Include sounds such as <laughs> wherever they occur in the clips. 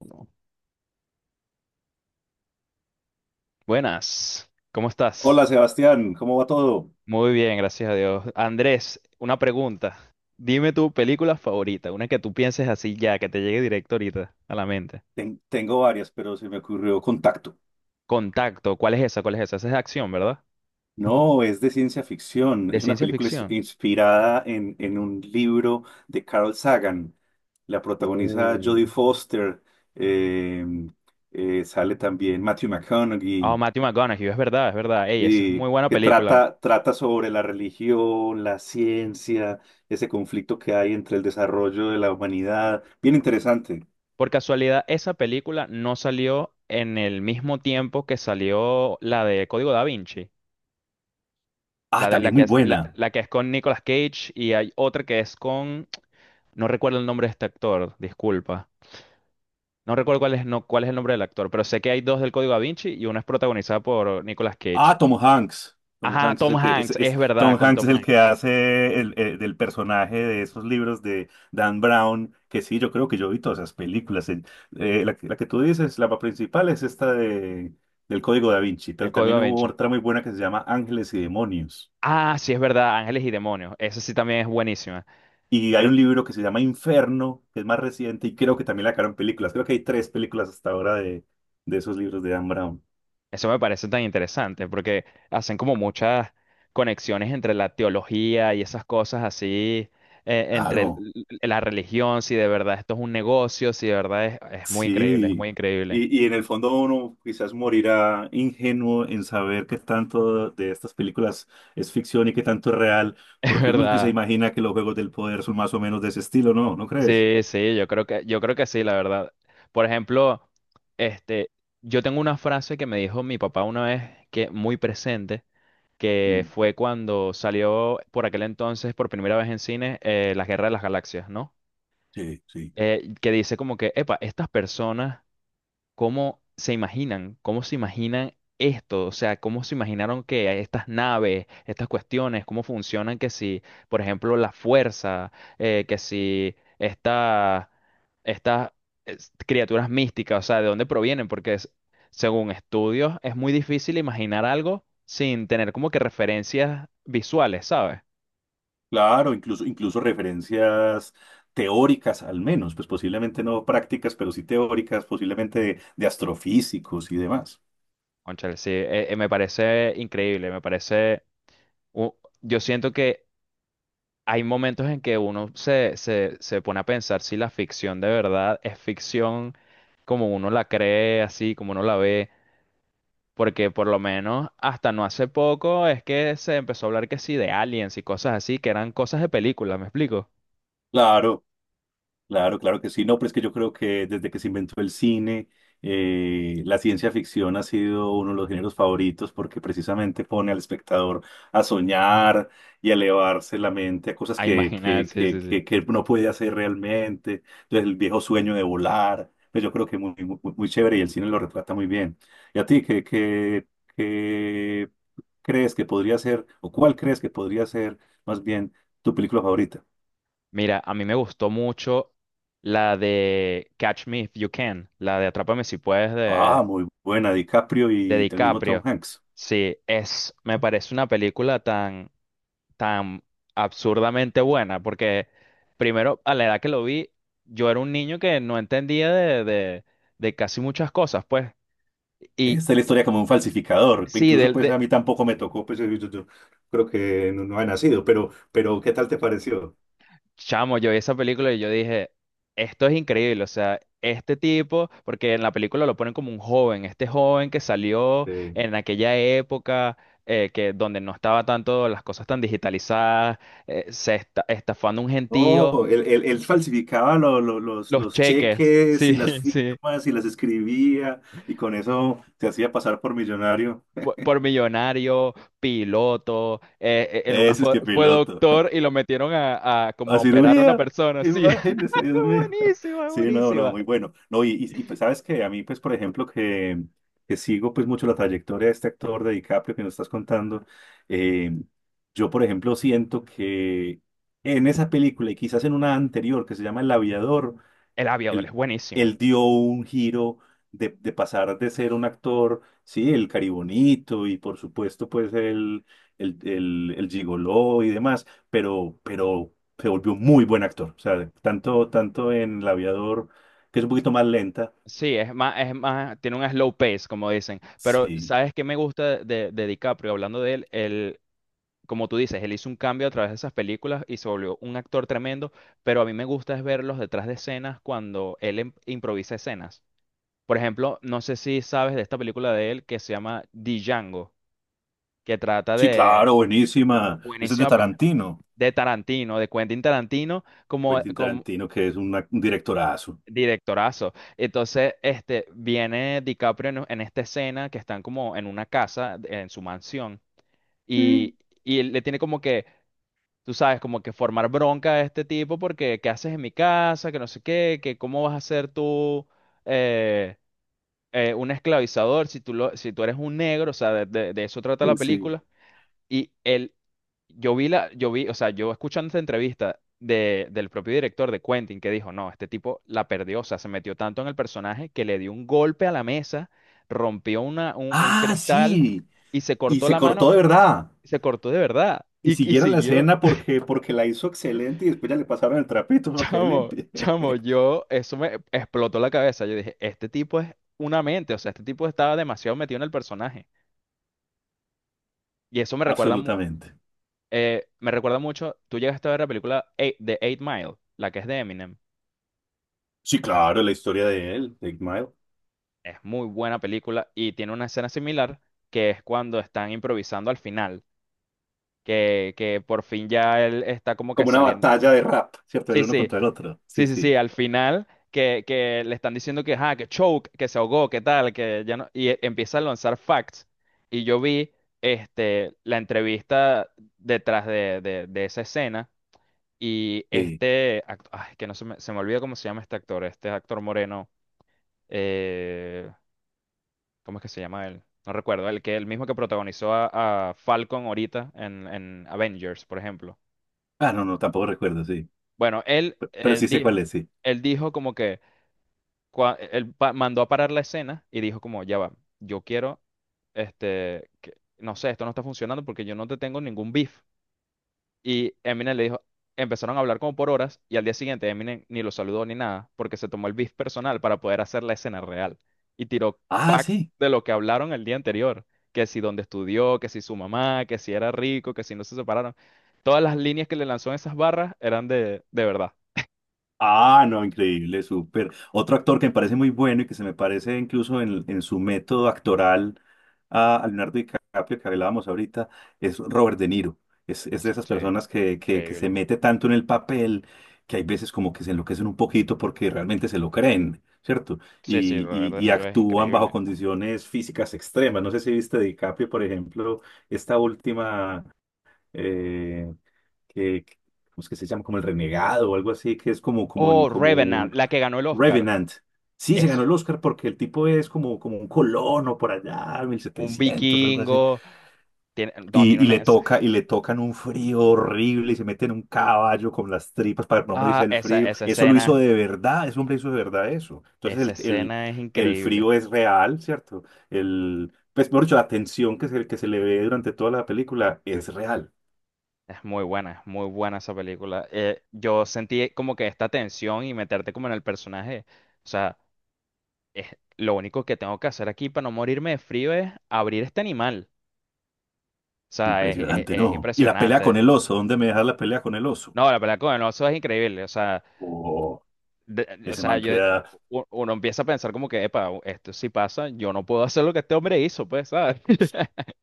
Uno. Buenas, ¿cómo estás? Hola Sebastián, ¿cómo va todo? Muy bien, gracias a Dios. Andrés, una pregunta. Dime tu película favorita, una que tú pienses así ya, que te llegue directo ahorita a la mente. Tengo varias, pero se me ocurrió Contacto. Contacto, ¿cuál es esa? ¿Cuál es esa? Esa es de acción, ¿verdad? No, es de ciencia ficción. De Es una ciencia película ins- ficción. inspirada en un libro de Carl Sagan. La protagoniza Uh. Jodie Foster. eh, Sale también Matthew Oh, McConaughey, Matthew McConaughey, es verdad, es verdad. Ey, esa es y muy buena que película. trata sobre la religión, la ciencia, ese conflicto que hay entre el desarrollo de la humanidad. Bien interesante. Por casualidad, esa película no salió en el mismo tiempo que salió la de Código Da Vinci. Ah, La, de, la, también que muy es, la, buena. la que es con Nicolas Cage y hay otra que es con. No recuerdo el nombre de este actor, disculpa. No recuerdo cuál es, no, cuál es el nombre del actor, pero sé que hay dos del Código Da Vinci y uno es protagonizado por Nicolas Cage. Ah, Tom Hanks. Tom Ajá, Hanks es Tom el Hanks, es verdad, Tom con Hanks es Tom el que Hanks, hace del personaje de esos libros de Dan Brown, que sí, yo creo que yo vi todas esas películas. Que la que tú dices, la principal es del Código Da Vinci, el pero Código también Da hubo Vinci. otra muy buena que se llama Ángeles y Demonios. Ah, sí, es verdad, Ángeles y Demonios. Esa sí también es buenísima. Y hay Pero un libro que se llama Inferno, que es más reciente, y creo que también la sacaron películas. Creo que hay tres películas hasta ahora de esos libros de Dan Brown. Eso me parece tan interesante porque hacen como muchas conexiones entre la teología y esas cosas así, entre l- Claro. l- la religión, si de verdad esto es un negocio, si de verdad es muy increíble, es muy Sí, increíble, y en el fondo uno quizás morirá ingenuo en saber qué tanto de estas películas es ficción y qué tanto es real, <laughs> es porque uno sí se verdad. imagina que los juegos del poder son más o menos de ese estilo, ¿no? ¿No crees? Sí, sí, yo creo que sí, la verdad. Por ejemplo, este, yo tengo una frase que me dijo mi papá una vez que muy presente, que Mm, fue cuando salió por aquel entonces por primera vez en cine La Guerra de las Galaxias, ¿no? sí, sí. Que dice como que, epa, estas personas cómo se imaginan esto, o sea, cómo se imaginaron que estas naves, estas cuestiones, cómo funcionan, que si, por ejemplo, la fuerza, que si esta, estas criaturas místicas, o sea, de dónde provienen, porque según estudios es muy difícil imaginar algo sin tener como que referencias visuales, ¿sabes? Claro, incluso, incluso referencias teóricas al menos, pues posiblemente no prácticas, pero sí teóricas, posiblemente de astrofísicos y demás. Cónchale, sí, me parece increíble, me parece. u- yo siento que hay momentos en que uno se pone a pensar si la ficción de verdad es ficción como uno la cree, así como uno la ve, porque por lo menos hasta no hace poco es que se empezó a hablar que sí de aliens y cosas así, que eran cosas de películas, ¿me explico? Claro. Claro, claro que sí. No, pero es que yo creo que desde que se inventó el cine, la ciencia ficción ha sido uno de los géneros favoritos porque precisamente pone al espectador a soñar y a elevarse la mente a cosas A que, imaginar, que, sí, que, sí, sí. que, que no puede hacer realmente. Entonces, el viejo sueño de volar, pues yo creo que muy, muy, muy chévere y el cine lo retrata muy bien. ¿Y a ti qué crees que podría ser, o cuál crees que podría ser más bien tu película favorita? Mira, a mí me gustó mucho la de Catch Me If You Can, la de Atrápame si puedes Ah, de, muy buena, DiCaprio y el mismo Tom DiCaprio. Hanks. Sí, es, me parece una película tan, tan absurdamente buena, porque primero, a la edad que lo vi, yo era un niño que no entendía de, de casi muchas cosas, pues. Y Esta es la historia como un falsificador. sí, Incluso pues a mí tampoco me tocó, pues yo creo que no, no había nacido, pero ¿qué tal te pareció? Chamo, yo vi esa película y yo dije, esto es increíble, o sea, este tipo, porque en la película lo ponen como un joven, este joven que salió Eh, en aquella época que donde no estaba tanto las cosas tan digitalizadas, se estafando un no, gentío, él falsificaba los los cheques, cheques sí, y las <laughs> sí, firmas y las escribía y con eso se hacía pasar por millonario. Millonario, piloto, en una Ese es que fue piloto. doctor y lo metieron a, <laughs> como A a operar a una cirugía, persona, sí, imagínese, <laughs> Dios mío. buenísima, Sí, no, no, buenísima. muy bueno. No, y, pues, sabes que a mí, pues, por ejemplo, que sigo pues mucho la trayectoria de este actor de DiCaprio que nos estás contando, eh, yo, por ejemplo, siento que en esa película y quizás en una anterior que se llama El Aviador, El aviador es él, buenísima. él dio un giro de pasar de ser un actor, sí, el caribonito y por supuesto pues el gigoló y demás, pero se volvió un muy buen actor. O sea, tanto, tanto en El Aviador, que es un poquito más lenta. Sí, es más, tiene un slow pace, como dicen. Pero, Sí, ¿sabes qué me gusta de, DiCaprio? Hablando de él, como tú dices, él hizo un cambio a través de esas películas y se volvió un actor tremendo, pero a mí me gusta es verlos detrás de escenas cuando él improvisa escenas. Por ejemplo, no sé si sabes de esta película de él que se llama Django, que trata sí, de. claro, buenísima. Ese es de Buenísima, Tarantino, de Tarantino, de Quentin Tarantino, como, Quentin Tarantino, que es un directorazo. Directorazo. Entonces, viene DiCaprio en, esta escena que están como en una casa, en su mansión, Sí, y, y él le tiene como que, tú sabes, como que formar bronca a este tipo porque, ¿qué haces en mi casa? Que no sé qué, que cómo vas a ser tú eh, un esclavizador si tú, si tú eres un negro, o sea, de, de eso trata la sí. película. Y él yo vi la, yo vi, O sea, yo escuchando esta entrevista de, del propio director de Quentin que dijo, no, este tipo la perdió, o sea, se metió tanto en el personaje que le dio un golpe a la mesa, rompió una, un Ah, cristal sí. y se Y cortó se la cortó mano, de verdad. se cortó de verdad Y y siguieron la siguió. escena <laughs> porque, porque la hizo excelente y después ya le pasaron el trapito para que Chamo, limpie. chamo, <laughs> eso me explotó la cabeza. Yo dije, este tipo es una mente, o sea, este tipo estaba demasiado metido en el personaje. Y eso me recuerda, Absolutamente. Me recuerda mucho, tú llegaste a ver la película Eight- de Eight Mile, la que es de Eminem. Sí, claro, la historia de él, de Eight Mile. Es muy buena película y tiene una escena similar que es cuando están improvisando al final, que por fin ya él está como que Como una saliendo. batalla de rap, ¿cierto? El Sí, uno sí, contra el otro. sí, Sí, sí, sí, sí, al final que, le están diciendo que, ah, que choke, que se ahogó, que tal, que ya no, y empieza a lanzar facts. Y yo vi la entrevista detrás de, de esa escena y sí. Ay, que no se me, se me olvida cómo se llama este actor moreno. eh, ¿Cómo es que se llama él? No recuerdo. El que el mismo que protagonizó a, Falcon ahorita en, Avengers, por ejemplo. Ah, no, no, tampoco recuerdo, sí. Bueno, Pe- pero, sí sé cuál es, sí. él dijo como que él mandó a parar la escena y dijo como, ya va, yo quiero, no sé, esto no está funcionando porque yo no te tengo ningún beef. Y Eminem le dijo, empezaron a hablar como por horas y al día siguiente Eminem ni lo saludó ni nada porque se tomó el beef personal para poder hacer la escena real y tiró Ah, facts sí. de lo que hablaron el día anterior, que si dónde estudió, que si su mamá, que si era rico, que si no se separaron. Todas las líneas que le lanzó en esas barras eran de, verdad. Ah, no, increíble, súper. Otro actor que me parece muy bueno y que se me parece incluso en su método actoral a Leonardo DiCaprio, que hablábamos ahorita, es Robert De Niro. Es de esas Sí, personas que se increíble. mete tanto en el papel que hay veces como que se enloquecen un poquito porque realmente se lo creen, ¿cierto? Sí, sí, Y, Robert y, De y Niro es actúan bajo increíble. condiciones físicas extremas. No sé si viste DiCaprio, por ejemplo, esta última eh, que, que- ¿cómo es que se llama? Como el renegado o algo así, que es como, como, Oh, como Revenant, un la que ganó el Oscar. Revenant. Sí, se ganó Es el Oscar porque el tipo es como, como un colono por allá, un 1700 o algo así. vikingo. Tiene, no, tiene Y le una. Toca, y le tocan un frío horrible y se mete en un caballo con las tripas para no morirse Ah, del frío. esa Eso lo escena. hizo de verdad, ese hombre hizo de verdad eso. Entonces Esa escena es el increíble. frío es real, ¿cierto? El, pues, mejor dicho, la tensión que que se le ve durante toda la película es real. Es muy buena esa película. Yo sentí como que esta tensión y meterte como en el personaje. O sea, lo único que tengo que hacer aquí para no morirme de frío es abrir este animal. O sea, Impresionante, es ¿no? Y la pelea con impresionante. el oso, ¿dónde me dejas la pelea con el oso? No, la pelea con el oso es increíble. O sea, Oh, o ese sea, man queda uno empieza a pensar como que, epa, esto sí pasa, yo no puedo hacer lo que este hombre hizo, pues, ¿sabes? <laughs>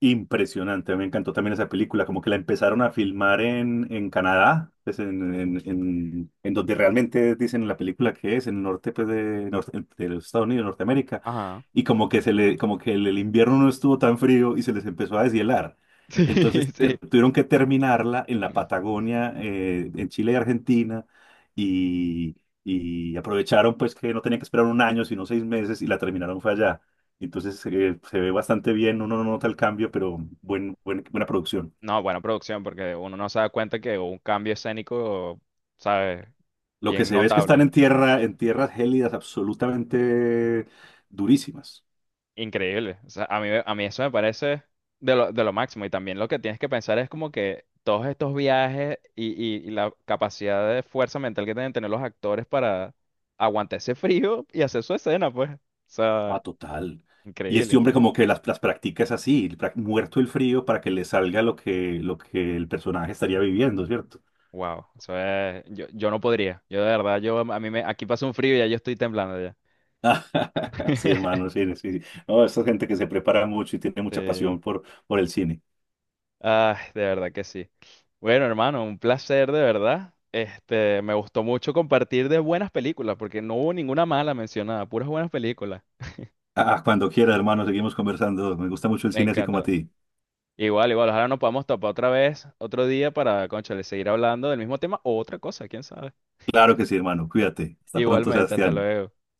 impresionante. Me encantó también esa película, como que la empezaron a filmar en Canadá, pues en donde realmente dicen en la película que es, en el norte pues, de los Estados Unidos, Norteamérica, Ajá. y como que, se le, como que el invierno no estuvo tan frío y se les empezó a deshielar. <laughs> Sí, Entonces sí. tuvieron que terminarla en la Patagonia, en Chile y Argentina, y, y aprovecharon pues que no tenían que esperar un año, sino 6 meses, y la terminaron fue allá. Entonces se ve bastante bien, uno no nota el cambio, pero buena producción. No, buena producción, porque uno no se da cuenta que hubo un cambio escénico, ¿sabes? Lo que Bien se ve es que están notable, en tierra, en tierras gélidas absolutamente durísimas. increíble. O sea, a mí eso me parece de lo, máximo. Y también lo que tienes que pensar es como que todos estos viajes y la capacidad de fuerza mental que tienen que tener los actores para aguantar ese frío y hacer su escena, pues. O sea, Ah, total. Y increíble, este hombre increíble. como que las practica es así, pra- muerto el frío para que le salga lo lo que el personaje estaría viviendo, ¿cierto? Wow, eso es, yo no podría. Yo de verdad, yo a mí me, aquí pasa un frío y ya yo estoy temblando ya. <laughs> Sí, <laughs> hermano, sí, sí. Sí. No, esa gente que se prepara mucho y tiene mucha Sí. pasión por el cine. Ah, de verdad que sí. Bueno, hermano, un placer de verdad. Este, me gustó mucho compartir de buenas películas, porque no hubo ninguna mala mencionada, puras buenas películas. Ah, ah, cuando quiera, hermano, seguimos conversando. Me gusta mucho el Me cine así como a encanta. ti. Igual, igual, ojalá nos podamos topar otra vez, otro día para, cónchale, seguir hablando del mismo tema o otra cosa, quién sabe. Claro que sí, hermano. Cuídate. Hasta pronto, Igualmente, hasta Sebastián. luego.